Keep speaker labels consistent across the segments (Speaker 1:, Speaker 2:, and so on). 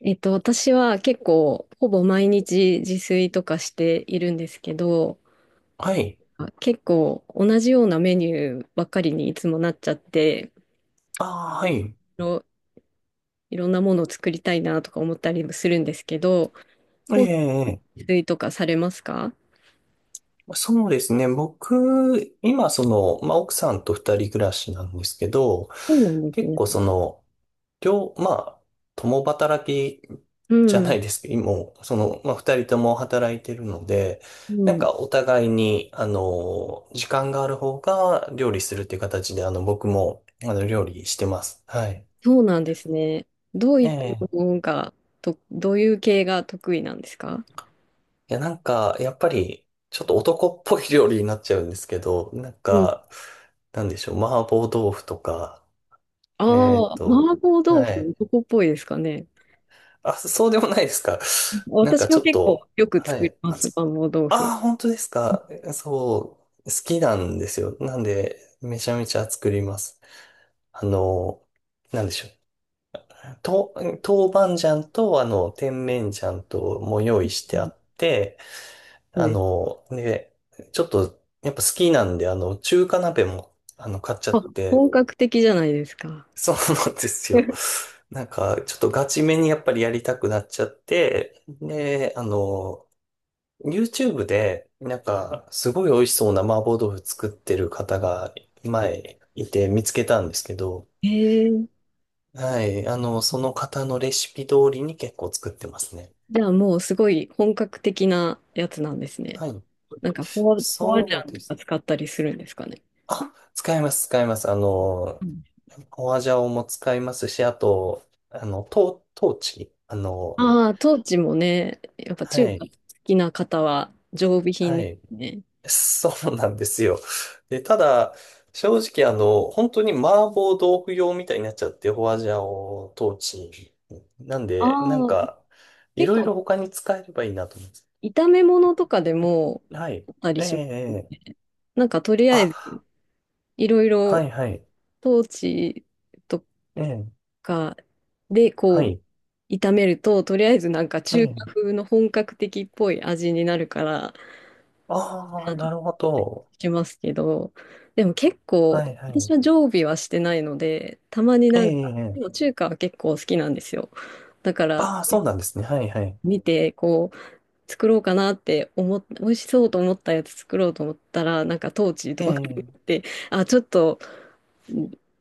Speaker 1: えっと、私は結構、ほぼ毎日自炊とかしているんですけど、
Speaker 2: はい。
Speaker 1: 結構同じようなメニューばっかりにいつもなっちゃって、
Speaker 2: ああ、は
Speaker 1: い
Speaker 2: い。
Speaker 1: ろ、いろんなものを作りたいなとか思ったりもするんですけど、
Speaker 2: ええ、ええ、
Speaker 1: 自炊とかされますか？
Speaker 2: そうですね。僕、今、その、まあ、奥さんと二人暮らしなんですけど、
Speaker 1: そうなんです
Speaker 2: 結
Speaker 1: ね。
Speaker 2: 構、その、まあ、共働き
Speaker 1: う
Speaker 2: じゃな
Speaker 1: ん、
Speaker 2: いですけど、もう、その、まあ、二人とも働いてるので、
Speaker 1: う
Speaker 2: なん
Speaker 1: ん。
Speaker 2: か、お互いに、あの、時間がある方が料理するっていう形で、あの、僕も、あの、料理してます。はい。
Speaker 1: そうなんですね。どういった
Speaker 2: ええ、
Speaker 1: のが、どういう系が得意なんですか？
Speaker 2: いや、なんか、やっぱり、ちょっと男っぽい料理になっちゃうんですけど、なん
Speaker 1: うん。
Speaker 2: か、なんでしょう、麻婆豆腐とか、
Speaker 1: あ
Speaker 2: えーっ
Speaker 1: あ、
Speaker 2: と、
Speaker 1: 麻婆豆腐、
Speaker 2: はい。
Speaker 1: 男っぽいですかね。
Speaker 2: あ、そうでもないですか。なん
Speaker 1: 私
Speaker 2: か
Speaker 1: も
Speaker 2: ちょっ
Speaker 1: 結構
Speaker 2: と、
Speaker 1: よく
Speaker 2: は
Speaker 1: 作り
Speaker 2: い。
Speaker 1: ます、麻婆豆腐。
Speaker 2: あー、本当ですか。そう、好きなんですよ。なんで、めちゃめちゃ作ります。あの、なんでしょう。豆板醤と、あの、甜麺醤とも用意し
Speaker 1: う
Speaker 2: てあ
Speaker 1: ん、
Speaker 2: って、
Speaker 1: そう
Speaker 2: あ
Speaker 1: です。
Speaker 2: の、ね、ちょっと、やっぱ好きなんで、あの、中華鍋も、あの、買っちゃっ
Speaker 1: あ、
Speaker 2: て、
Speaker 1: 本格的じゃないですか。
Speaker 2: そうなんですよ。なんか、ちょっとガチめにやっぱりやりたくなっちゃって、で、あの、YouTube で、なんか、すごい美味しそうな麻婆豆腐作ってる方が、前、いて見つけたんですけど、
Speaker 1: へえ。
Speaker 2: はい、あの、その方のレシピ通りに結構作ってますね。
Speaker 1: じゃあもうすごい本格的なやつなんですね。
Speaker 2: はい。
Speaker 1: なんかフォアジ
Speaker 2: そ
Speaker 1: ャ
Speaker 2: う
Speaker 1: ン
Speaker 2: で
Speaker 1: とか
Speaker 2: す。
Speaker 1: 使ったりするんですかね。
Speaker 2: あ、使います、使います。あの、ホアジャオも使いますし、あと、あの、トーチ。あの、
Speaker 1: ああー、トーチもね、やっぱ
Speaker 2: は
Speaker 1: 中華
Speaker 2: い、
Speaker 1: 好きな方は常備品
Speaker 2: は
Speaker 1: で
Speaker 2: い。
Speaker 1: すね。
Speaker 2: そうなんですよ。で、ただ、正直、あの、本当に麻婆豆腐用みたいになっちゃって、ホアジャオ、トーチ。なん
Speaker 1: あ
Speaker 2: で、なん
Speaker 1: あ、
Speaker 2: か、い
Speaker 1: 結
Speaker 2: ろい
Speaker 1: 構
Speaker 2: ろ他に使えればいいなと思います。
Speaker 1: 炒め物とかでも
Speaker 2: はい。
Speaker 1: あったり
Speaker 2: ええ、
Speaker 1: します
Speaker 2: ええ。
Speaker 1: ね。なんかとりあえず
Speaker 2: あ、
Speaker 1: いろい
Speaker 2: は
Speaker 1: ろ
Speaker 2: い、はい。
Speaker 1: トーチと
Speaker 2: ええ、
Speaker 1: か、で、
Speaker 2: は
Speaker 1: こ
Speaker 2: い。
Speaker 1: う、炒めると、とりあえずなんか
Speaker 2: え
Speaker 1: 中華
Speaker 2: え。
Speaker 1: 風の本格的っぽい味になるから、
Speaker 2: ああ、
Speaker 1: なって
Speaker 2: なるほど。
Speaker 1: しますけど、でも結
Speaker 2: は
Speaker 1: 構、
Speaker 2: い、は
Speaker 1: 私
Speaker 2: い。
Speaker 1: は常備はしてないので、たまに
Speaker 2: え
Speaker 1: なんか、
Speaker 2: え、
Speaker 1: で
Speaker 2: ええ、
Speaker 1: も中華は結構好きなんですよ。だから、
Speaker 2: ああ、そうなんですね。はいはい。
Speaker 1: 見て、こう、作ろうかなって思っ、美味しそうと思ったやつ作ろうと思ったら、なんかトーチーと
Speaker 2: え
Speaker 1: か買
Speaker 2: え。
Speaker 1: って、あ、ちょっと、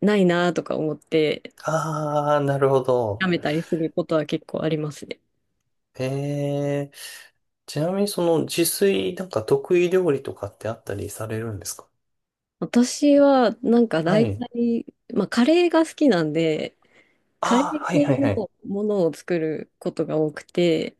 Speaker 1: ないなとか思って、
Speaker 2: ああ、なるほ
Speaker 1: や
Speaker 2: ど。
Speaker 1: めたりすることは結構ありますね。
Speaker 2: ええ。ちなみにその自炊なんか得意料理とかってあったりされるんですか？
Speaker 1: 私は、なんか
Speaker 2: は
Speaker 1: 大
Speaker 2: い。
Speaker 1: 体、まあ、カレーが好きなんで、カレー
Speaker 2: ああ、はい
Speaker 1: 系
Speaker 2: はいはい。
Speaker 1: のものを作ることが多くて、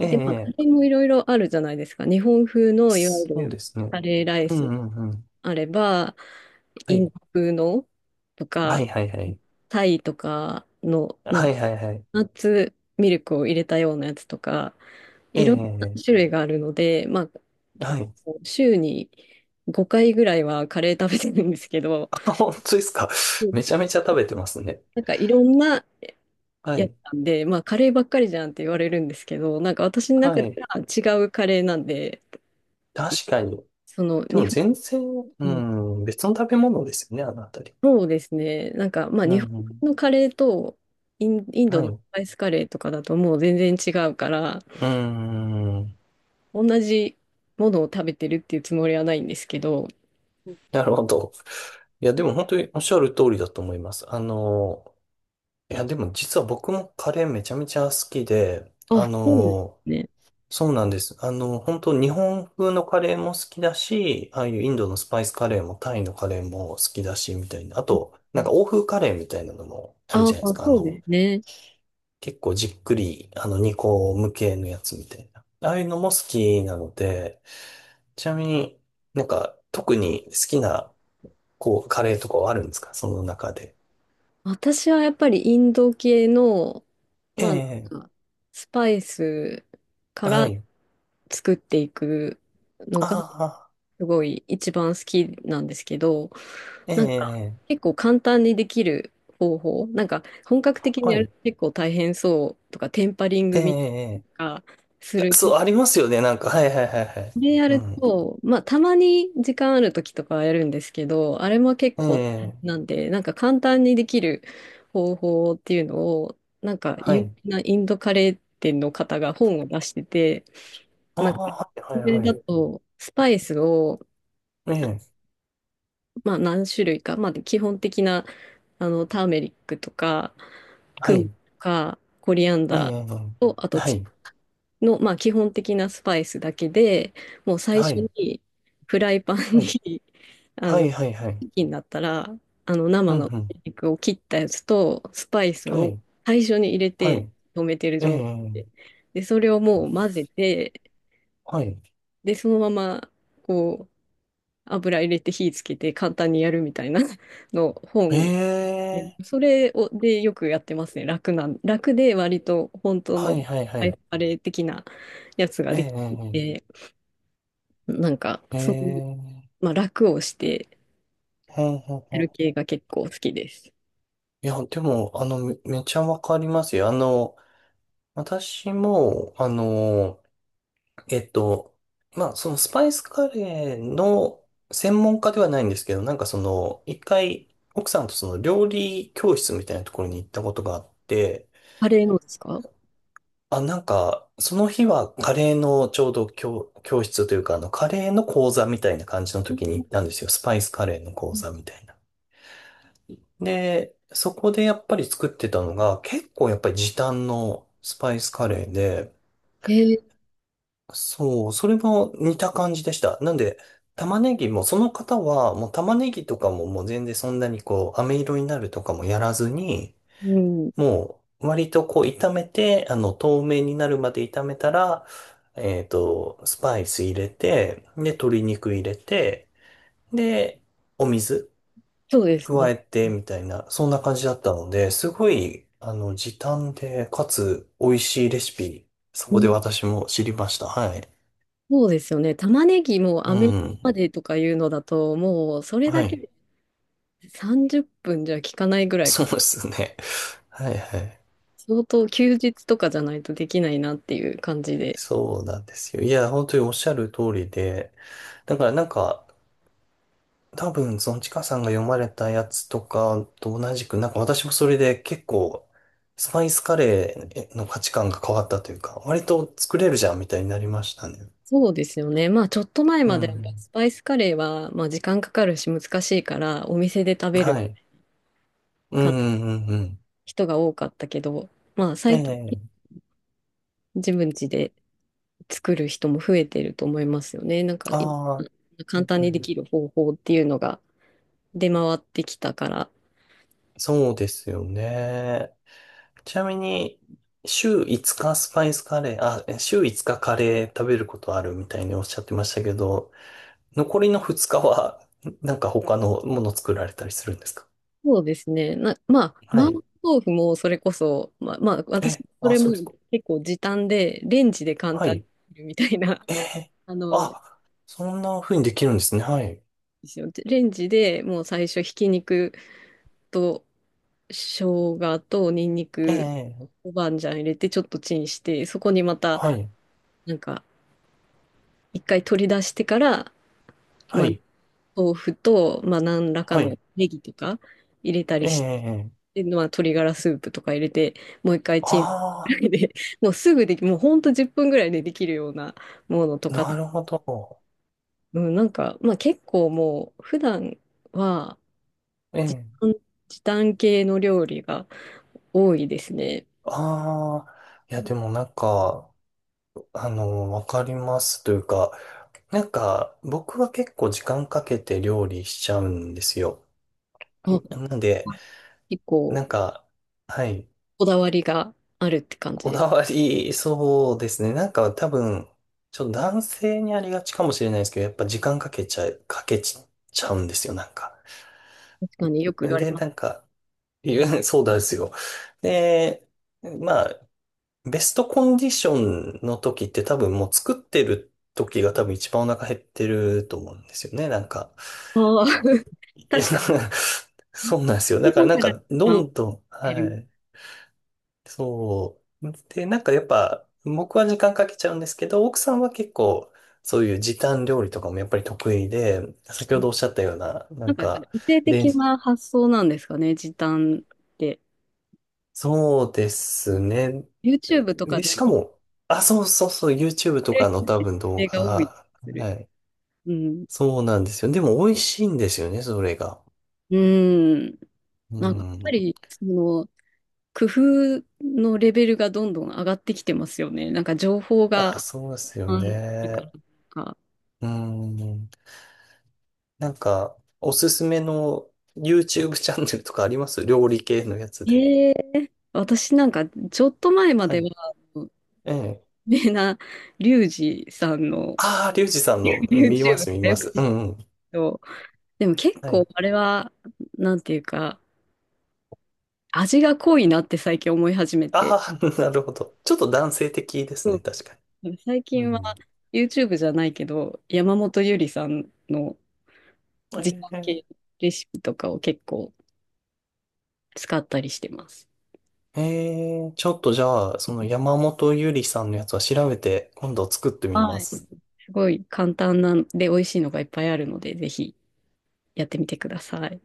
Speaker 2: え
Speaker 1: で、まあ、カ
Speaker 2: え。
Speaker 1: レ
Speaker 2: ええ、
Speaker 1: ーもいろいろあるじゃないですか。日本風のいわゆ
Speaker 2: そうで
Speaker 1: る
Speaker 2: すね。
Speaker 1: カレーライ
Speaker 2: うん
Speaker 1: ス
Speaker 2: うんうん。
Speaker 1: あれば、
Speaker 2: は
Speaker 1: イン
Speaker 2: い。
Speaker 1: ド風のと
Speaker 2: は
Speaker 1: か、
Speaker 2: いはいはい。
Speaker 1: タイとかの、なん
Speaker 2: は
Speaker 1: か、
Speaker 2: いはいはい。
Speaker 1: ナッツミルクを入れたようなやつとか、
Speaker 2: え
Speaker 1: い
Speaker 2: え。
Speaker 1: ろんな
Speaker 2: え
Speaker 1: 種類があるので、まあ、
Speaker 2: え、はい。
Speaker 1: 週に5回ぐらいはカレー食べてるんですけど、
Speaker 2: あ、本当ですか。
Speaker 1: う ん、
Speaker 2: めちゃめちゃ食べてますね。
Speaker 1: なんかいろんな
Speaker 2: は
Speaker 1: やって
Speaker 2: い。
Speaker 1: たんで、まあカレーばっかりじゃんって言われるんですけど、なんか私の中
Speaker 2: は
Speaker 1: で
Speaker 2: い。
Speaker 1: は違うカレーなんで、
Speaker 2: 確かに。
Speaker 1: その
Speaker 2: で
Speaker 1: 日
Speaker 2: も
Speaker 1: 本、
Speaker 2: 全然、う
Speaker 1: うん、
Speaker 2: ん、別の食べ物ですよね、あのあたり。
Speaker 1: そうですね、なんかまあ
Speaker 2: うん
Speaker 1: 日本
Speaker 2: うん。
Speaker 1: のカレーとインド
Speaker 2: は
Speaker 1: のス
Speaker 2: い。
Speaker 1: パイスカレーとかだともう全然違うから、
Speaker 2: うーん。
Speaker 1: 同じものを食べてるっていうつもりはないんですけど、
Speaker 2: なるほど。いや、でも本当におっしゃる通りだと思います。あの、いや、でも実は僕もカレーめちゃめちゃ好きで、あ
Speaker 1: あ、そうです
Speaker 2: の、
Speaker 1: ね。
Speaker 2: そうなんです。あの、本当日本風のカレーも好きだし、ああいうインドのスパイスカレーもタイのカレーも好きだし、みたいな。あと、なんか欧風カレーみたいなのもある
Speaker 1: あ
Speaker 2: じゃないです
Speaker 1: あ、
Speaker 2: か。あ
Speaker 1: そうで
Speaker 2: の、
Speaker 1: すね。
Speaker 2: 結構じっくり、あの、煮込む系のやつみたいな。ああいうのも好きなので、ちなみになんか特に好きなこう、カレーとかはあるんですかその中で？
Speaker 1: 私はやっぱりインド系の、
Speaker 2: え
Speaker 1: まあ、なん
Speaker 2: え、
Speaker 1: かスパイスか
Speaker 2: は
Speaker 1: ら
Speaker 2: い。
Speaker 1: 作っていくのが
Speaker 2: あ
Speaker 1: すごい一番好きなんですけど、
Speaker 2: あ、え
Speaker 1: なんか
Speaker 2: え、
Speaker 1: 結構簡単にできる方法、なんか本格的に
Speaker 2: は
Speaker 1: やる
Speaker 2: い。
Speaker 1: と結構大変そうとか、テンパリン
Speaker 2: え
Speaker 1: グみたい
Speaker 2: え、
Speaker 1: なのがする
Speaker 2: そう、ありますよね。なんか、はいはいはいはい。
Speaker 1: これや
Speaker 2: う
Speaker 1: る
Speaker 2: ん。
Speaker 1: と、まあ、たまに時間ある時とかはやるんですけど、あれも結
Speaker 2: え
Speaker 1: 構
Speaker 2: え、
Speaker 1: なんで、なんか簡単にできる方法っていうのを、なんか
Speaker 2: は
Speaker 1: 有
Speaker 2: い。
Speaker 1: 名なインドカレー店の方が本を出してて、
Speaker 2: あ
Speaker 1: なんか、
Speaker 2: あ、は
Speaker 1: そ
Speaker 2: い、
Speaker 1: れ
Speaker 2: はい、は
Speaker 1: だ
Speaker 2: い。
Speaker 1: と、スパイスを、
Speaker 2: ええ、
Speaker 1: まあ、何種類か、まあ、基本的な、あの、ターメリックとか、
Speaker 2: は
Speaker 1: クミン
Speaker 2: い。
Speaker 1: とか、コリアン
Speaker 2: え
Speaker 1: ダ
Speaker 2: え、
Speaker 1: ーと、あと
Speaker 2: はい、
Speaker 1: の、まあ、基本的なスパイスだけで、もう最
Speaker 2: は
Speaker 1: 初
Speaker 2: い、
Speaker 1: にフライパン
Speaker 2: はい、
Speaker 1: に あ
Speaker 2: は
Speaker 1: の、
Speaker 2: い、はい、はい。
Speaker 1: チキンだったら、あの、生
Speaker 2: う
Speaker 1: の
Speaker 2: ん、
Speaker 1: 鶏
Speaker 2: うん、
Speaker 1: 肉を切ったやつと、スパイス
Speaker 2: は
Speaker 1: を
Speaker 2: い、
Speaker 1: 最初に入れ
Speaker 2: は
Speaker 1: て
Speaker 2: い。
Speaker 1: 止めてる
Speaker 2: え
Speaker 1: 状態
Speaker 2: え、
Speaker 1: で、で、それをもう混ぜて、
Speaker 2: はい。
Speaker 1: で、そのまま、こう、油入れて火つけて簡単にやるみたいな の
Speaker 2: え
Speaker 1: 本。
Speaker 2: え、
Speaker 1: それをでよくやってますね。楽なん、楽で割と本当
Speaker 2: は
Speaker 1: の
Speaker 2: い、
Speaker 1: ス
Speaker 2: はい、は
Speaker 1: パイス
Speaker 2: い。
Speaker 1: カレー的なやつが
Speaker 2: え
Speaker 1: でき
Speaker 2: え、
Speaker 1: て。なんか、
Speaker 2: え
Speaker 1: そういう、
Speaker 2: え、ええ、
Speaker 1: まあ、楽をして
Speaker 2: ほんほん
Speaker 1: や
Speaker 2: ほ
Speaker 1: る
Speaker 2: ん。
Speaker 1: 系が結構好きです。
Speaker 2: いや、でも、あの、めちゃわかりますよ。あの、私も、あの、えっと、まあ、そのスパイスカレーの専門家ではないんですけど、なんかその、一回、奥さんとその料理教室みたいなところに行ったことがあって、
Speaker 1: カレーのですか？
Speaker 2: あ、なんか、その日はカレーのちょうど教室というか、あの、カレーの講座みたいな感じの時に行ったんですよ。スパイスカレーの講座みたいな。で、そこでやっぱり作ってたのが、結構やっぱり時短のスパイスカレーで、
Speaker 1: ええ、
Speaker 2: そう、それも似た感じでした。なんで、玉ねぎも、その方は、もう玉ねぎとかももう全然そんなにこう、飴色になるとかもやらずに、
Speaker 1: うん、
Speaker 2: もう、割とこう、炒めて、あの、透明になるまで炒めたら、スパイス入れて、で、鶏肉入れて、で、お水、
Speaker 1: そうですね。
Speaker 2: 加えてみたいな、そんな感じだったので、すごい、あの、時短で、かつ美味しいレシピ、そ
Speaker 1: う
Speaker 2: こで
Speaker 1: ん、
Speaker 2: 私も知りました。はい。
Speaker 1: そうですよね。玉ねぎも
Speaker 2: う
Speaker 1: アメリカ
Speaker 2: ん。
Speaker 1: までとかいうのだと、もうそれ
Speaker 2: は
Speaker 1: だけ
Speaker 2: い。
Speaker 1: で30分じゅっぷんじゃ効かないぐ らい
Speaker 2: そ
Speaker 1: か。
Speaker 2: うですね。はいはい。
Speaker 1: 相当休日とかじゃないとできないなっていう感じで。
Speaker 2: そうなんですよ。いや、本当におっしゃる通りで、だからなんか、多分、そのちかさんが読まれたやつとかと同じく、なんか私もそれで結構、スパイスカレーの価値観が変わったというか、割と作れるじゃんみたいになりましたね。
Speaker 1: そうですよね。まあちょっと前
Speaker 2: う
Speaker 1: までやっぱ
Speaker 2: ん。
Speaker 1: スパイスカレーはまあ時間かかるし難しいからお店で食べる
Speaker 2: はい。う
Speaker 1: か
Speaker 2: んうんうん、
Speaker 1: 人が多かったけど、まあ
Speaker 2: え
Speaker 1: 最近
Speaker 2: え。
Speaker 1: 自分家で作る人も増えてると思いますよね。なんか、
Speaker 2: ああ、う
Speaker 1: 簡
Speaker 2: ん
Speaker 1: 単
Speaker 2: う
Speaker 1: にで
Speaker 2: ん、
Speaker 1: きる方法っていうのが出回ってきたから。
Speaker 2: そうですよね。ちなみに、週5日スパイスカレー、あ、え週5日カレー食べることあるみたいにおっしゃってましたけど、残りの2日は、なんか他のもの作られたりするんですか？
Speaker 1: そうですね。まあ、
Speaker 2: は
Speaker 1: 麻婆
Speaker 2: い。
Speaker 1: 豆腐もそれこそ、まあ、私、
Speaker 2: え、
Speaker 1: そ
Speaker 2: あ、
Speaker 1: れも
Speaker 2: そうですか。
Speaker 1: 結構時短で、レンジで簡
Speaker 2: は
Speaker 1: 単に
Speaker 2: い。
Speaker 1: できるみたいな、
Speaker 2: え え。
Speaker 1: あの、
Speaker 2: あ、そんな風にできるんですね。はい。
Speaker 1: ですよレンジでもう最初、ひき肉と生姜とニンニ
Speaker 2: え
Speaker 1: ク、
Speaker 2: え。
Speaker 1: 豆板醤入れて、ちょっとチンして、そこにまた、
Speaker 2: はい。
Speaker 1: なんか、一回取り出してから、
Speaker 2: は
Speaker 1: まあ、
Speaker 2: い。
Speaker 1: 豆腐と、まあ、何らか
Speaker 2: は
Speaker 1: の
Speaker 2: い。
Speaker 1: ネギとか入れたり
Speaker 2: え
Speaker 1: し
Speaker 2: え。
Speaker 1: て、まあ、鶏ガラスープとか入れて、もう一回チンぐ
Speaker 2: あ
Speaker 1: らいで、もうほんと10分ぐらいでできるようなものと
Speaker 2: あ、
Speaker 1: か、
Speaker 2: なるほど。
Speaker 1: うん、なんか、まあ、結構もう、普段は
Speaker 2: え
Speaker 1: 時
Speaker 2: え。
Speaker 1: 短、時短系の料理が多いですね。
Speaker 2: ああ、いや、でもなんか、あの、わかりますというか、なんか、僕は結構時間かけて料理しちゃうんですよ。
Speaker 1: あ、
Speaker 2: なんで、
Speaker 1: 結構、
Speaker 2: なんか、はい、
Speaker 1: こだわりがあるって感じ
Speaker 2: こだ
Speaker 1: で
Speaker 2: わり、そうですね。なんか多分、ちょっと男性にありがちかもしれないですけど、やっぱ時間かけちゃうんですよ、なんか。
Speaker 1: す。確かによく言われ
Speaker 2: で、
Speaker 1: ます。
Speaker 2: なんか、そうなんですよ。で、まあ、ベストコンディションの時って多分もう作ってる時が多分一番お腹減ってると思うんですよね、なんか。
Speaker 1: ああ、
Speaker 2: いや、
Speaker 1: 確かに。
Speaker 2: そうなんですよ。
Speaker 1: だ
Speaker 2: だからなん
Speaker 1: か
Speaker 2: か、
Speaker 1: ら
Speaker 2: どんどん、
Speaker 1: 減
Speaker 2: は
Speaker 1: る。
Speaker 2: い。そう。で、なんかやっぱ、僕は時間かけちゃうんですけど、奥さんは結構、そういう時短料理とかもやっぱり得意で、先ほどおっしゃったような、な
Speaker 1: な
Speaker 2: ん
Speaker 1: んかやっぱり
Speaker 2: か、
Speaker 1: 理性
Speaker 2: で、
Speaker 1: 的な発想なんですかね、時短って。
Speaker 2: そうで
Speaker 1: う
Speaker 2: す
Speaker 1: ん、
Speaker 2: ね。
Speaker 1: YouTube とか
Speaker 2: で、し
Speaker 1: で
Speaker 2: か
Speaker 1: 見
Speaker 2: も、あ、そうそうそう、YouTube と
Speaker 1: て
Speaker 2: か
Speaker 1: る
Speaker 2: の
Speaker 1: 人っ
Speaker 2: 多
Speaker 1: て
Speaker 2: 分動
Speaker 1: 女性が多い気が
Speaker 2: 画、
Speaker 1: する。
Speaker 2: はい。
Speaker 1: うん。
Speaker 2: そうなんですよ。でも美味しいんですよね、それが。
Speaker 1: うん。
Speaker 2: う
Speaker 1: なんかやっぱ
Speaker 2: ん。
Speaker 1: り、その、工夫のレベルがどんどん上がってきてますよね。なんか情報が、
Speaker 2: あ、そうですよ
Speaker 1: あるから
Speaker 2: ね。
Speaker 1: か。
Speaker 2: うん。なんか、おすすめの YouTube チャンネルとかあります料理系のやつで？
Speaker 1: へえ。私なんか、ちょっと前ま
Speaker 2: は
Speaker 1: では、
Speaker 2: い。
Speaker 1: あの
Speaker 2: ええ。
Speaker 1: 有名なリュウジさんの
Speaker 2: ああ、リュウジさんの見ま
Speaker 1: YouTube
Speaker 2: す、見
Speaker 1: が
Speaker 2: ま
Speaker 1: よく
Speaker 2: す。う
Speaker 1: 見る
Speaker 2: んうん。
Speaker 1: と、でも結
Speaker 2: は
Speaker 1: 構
Speaker 2: い。
Speaker 1: あれは、なんていうか、味が濃いなって最近思い始めて、
Speaker 2: ああ、なるほど。ちょっと男性的です
Speaker 1: そ
Speaker 2: ね、
Speaker 1: う
Speaker 2: 確か
Speaker 1: 最
Speaker 2: に。う
Speaker 1: 近は
Speaker 2: ん。
Speaker 1: YouTube じゃないけど、山本ゆりさんの時
Speaker 2: え
Speaker 1: 短
Speaker 2: え。
Speaker 1: 系レシピとかを結構使ったりしてます。
Speaker 2: ええ、ちょっとじゃあ、その山本ゆりさんのやつは調べて、今度作ってみま
Speaker 1: はい。
Speaker 2: す。
Speaker 1: すごい簡単なんで美味しいのがいっぱいあるので、ぜひやってみてください。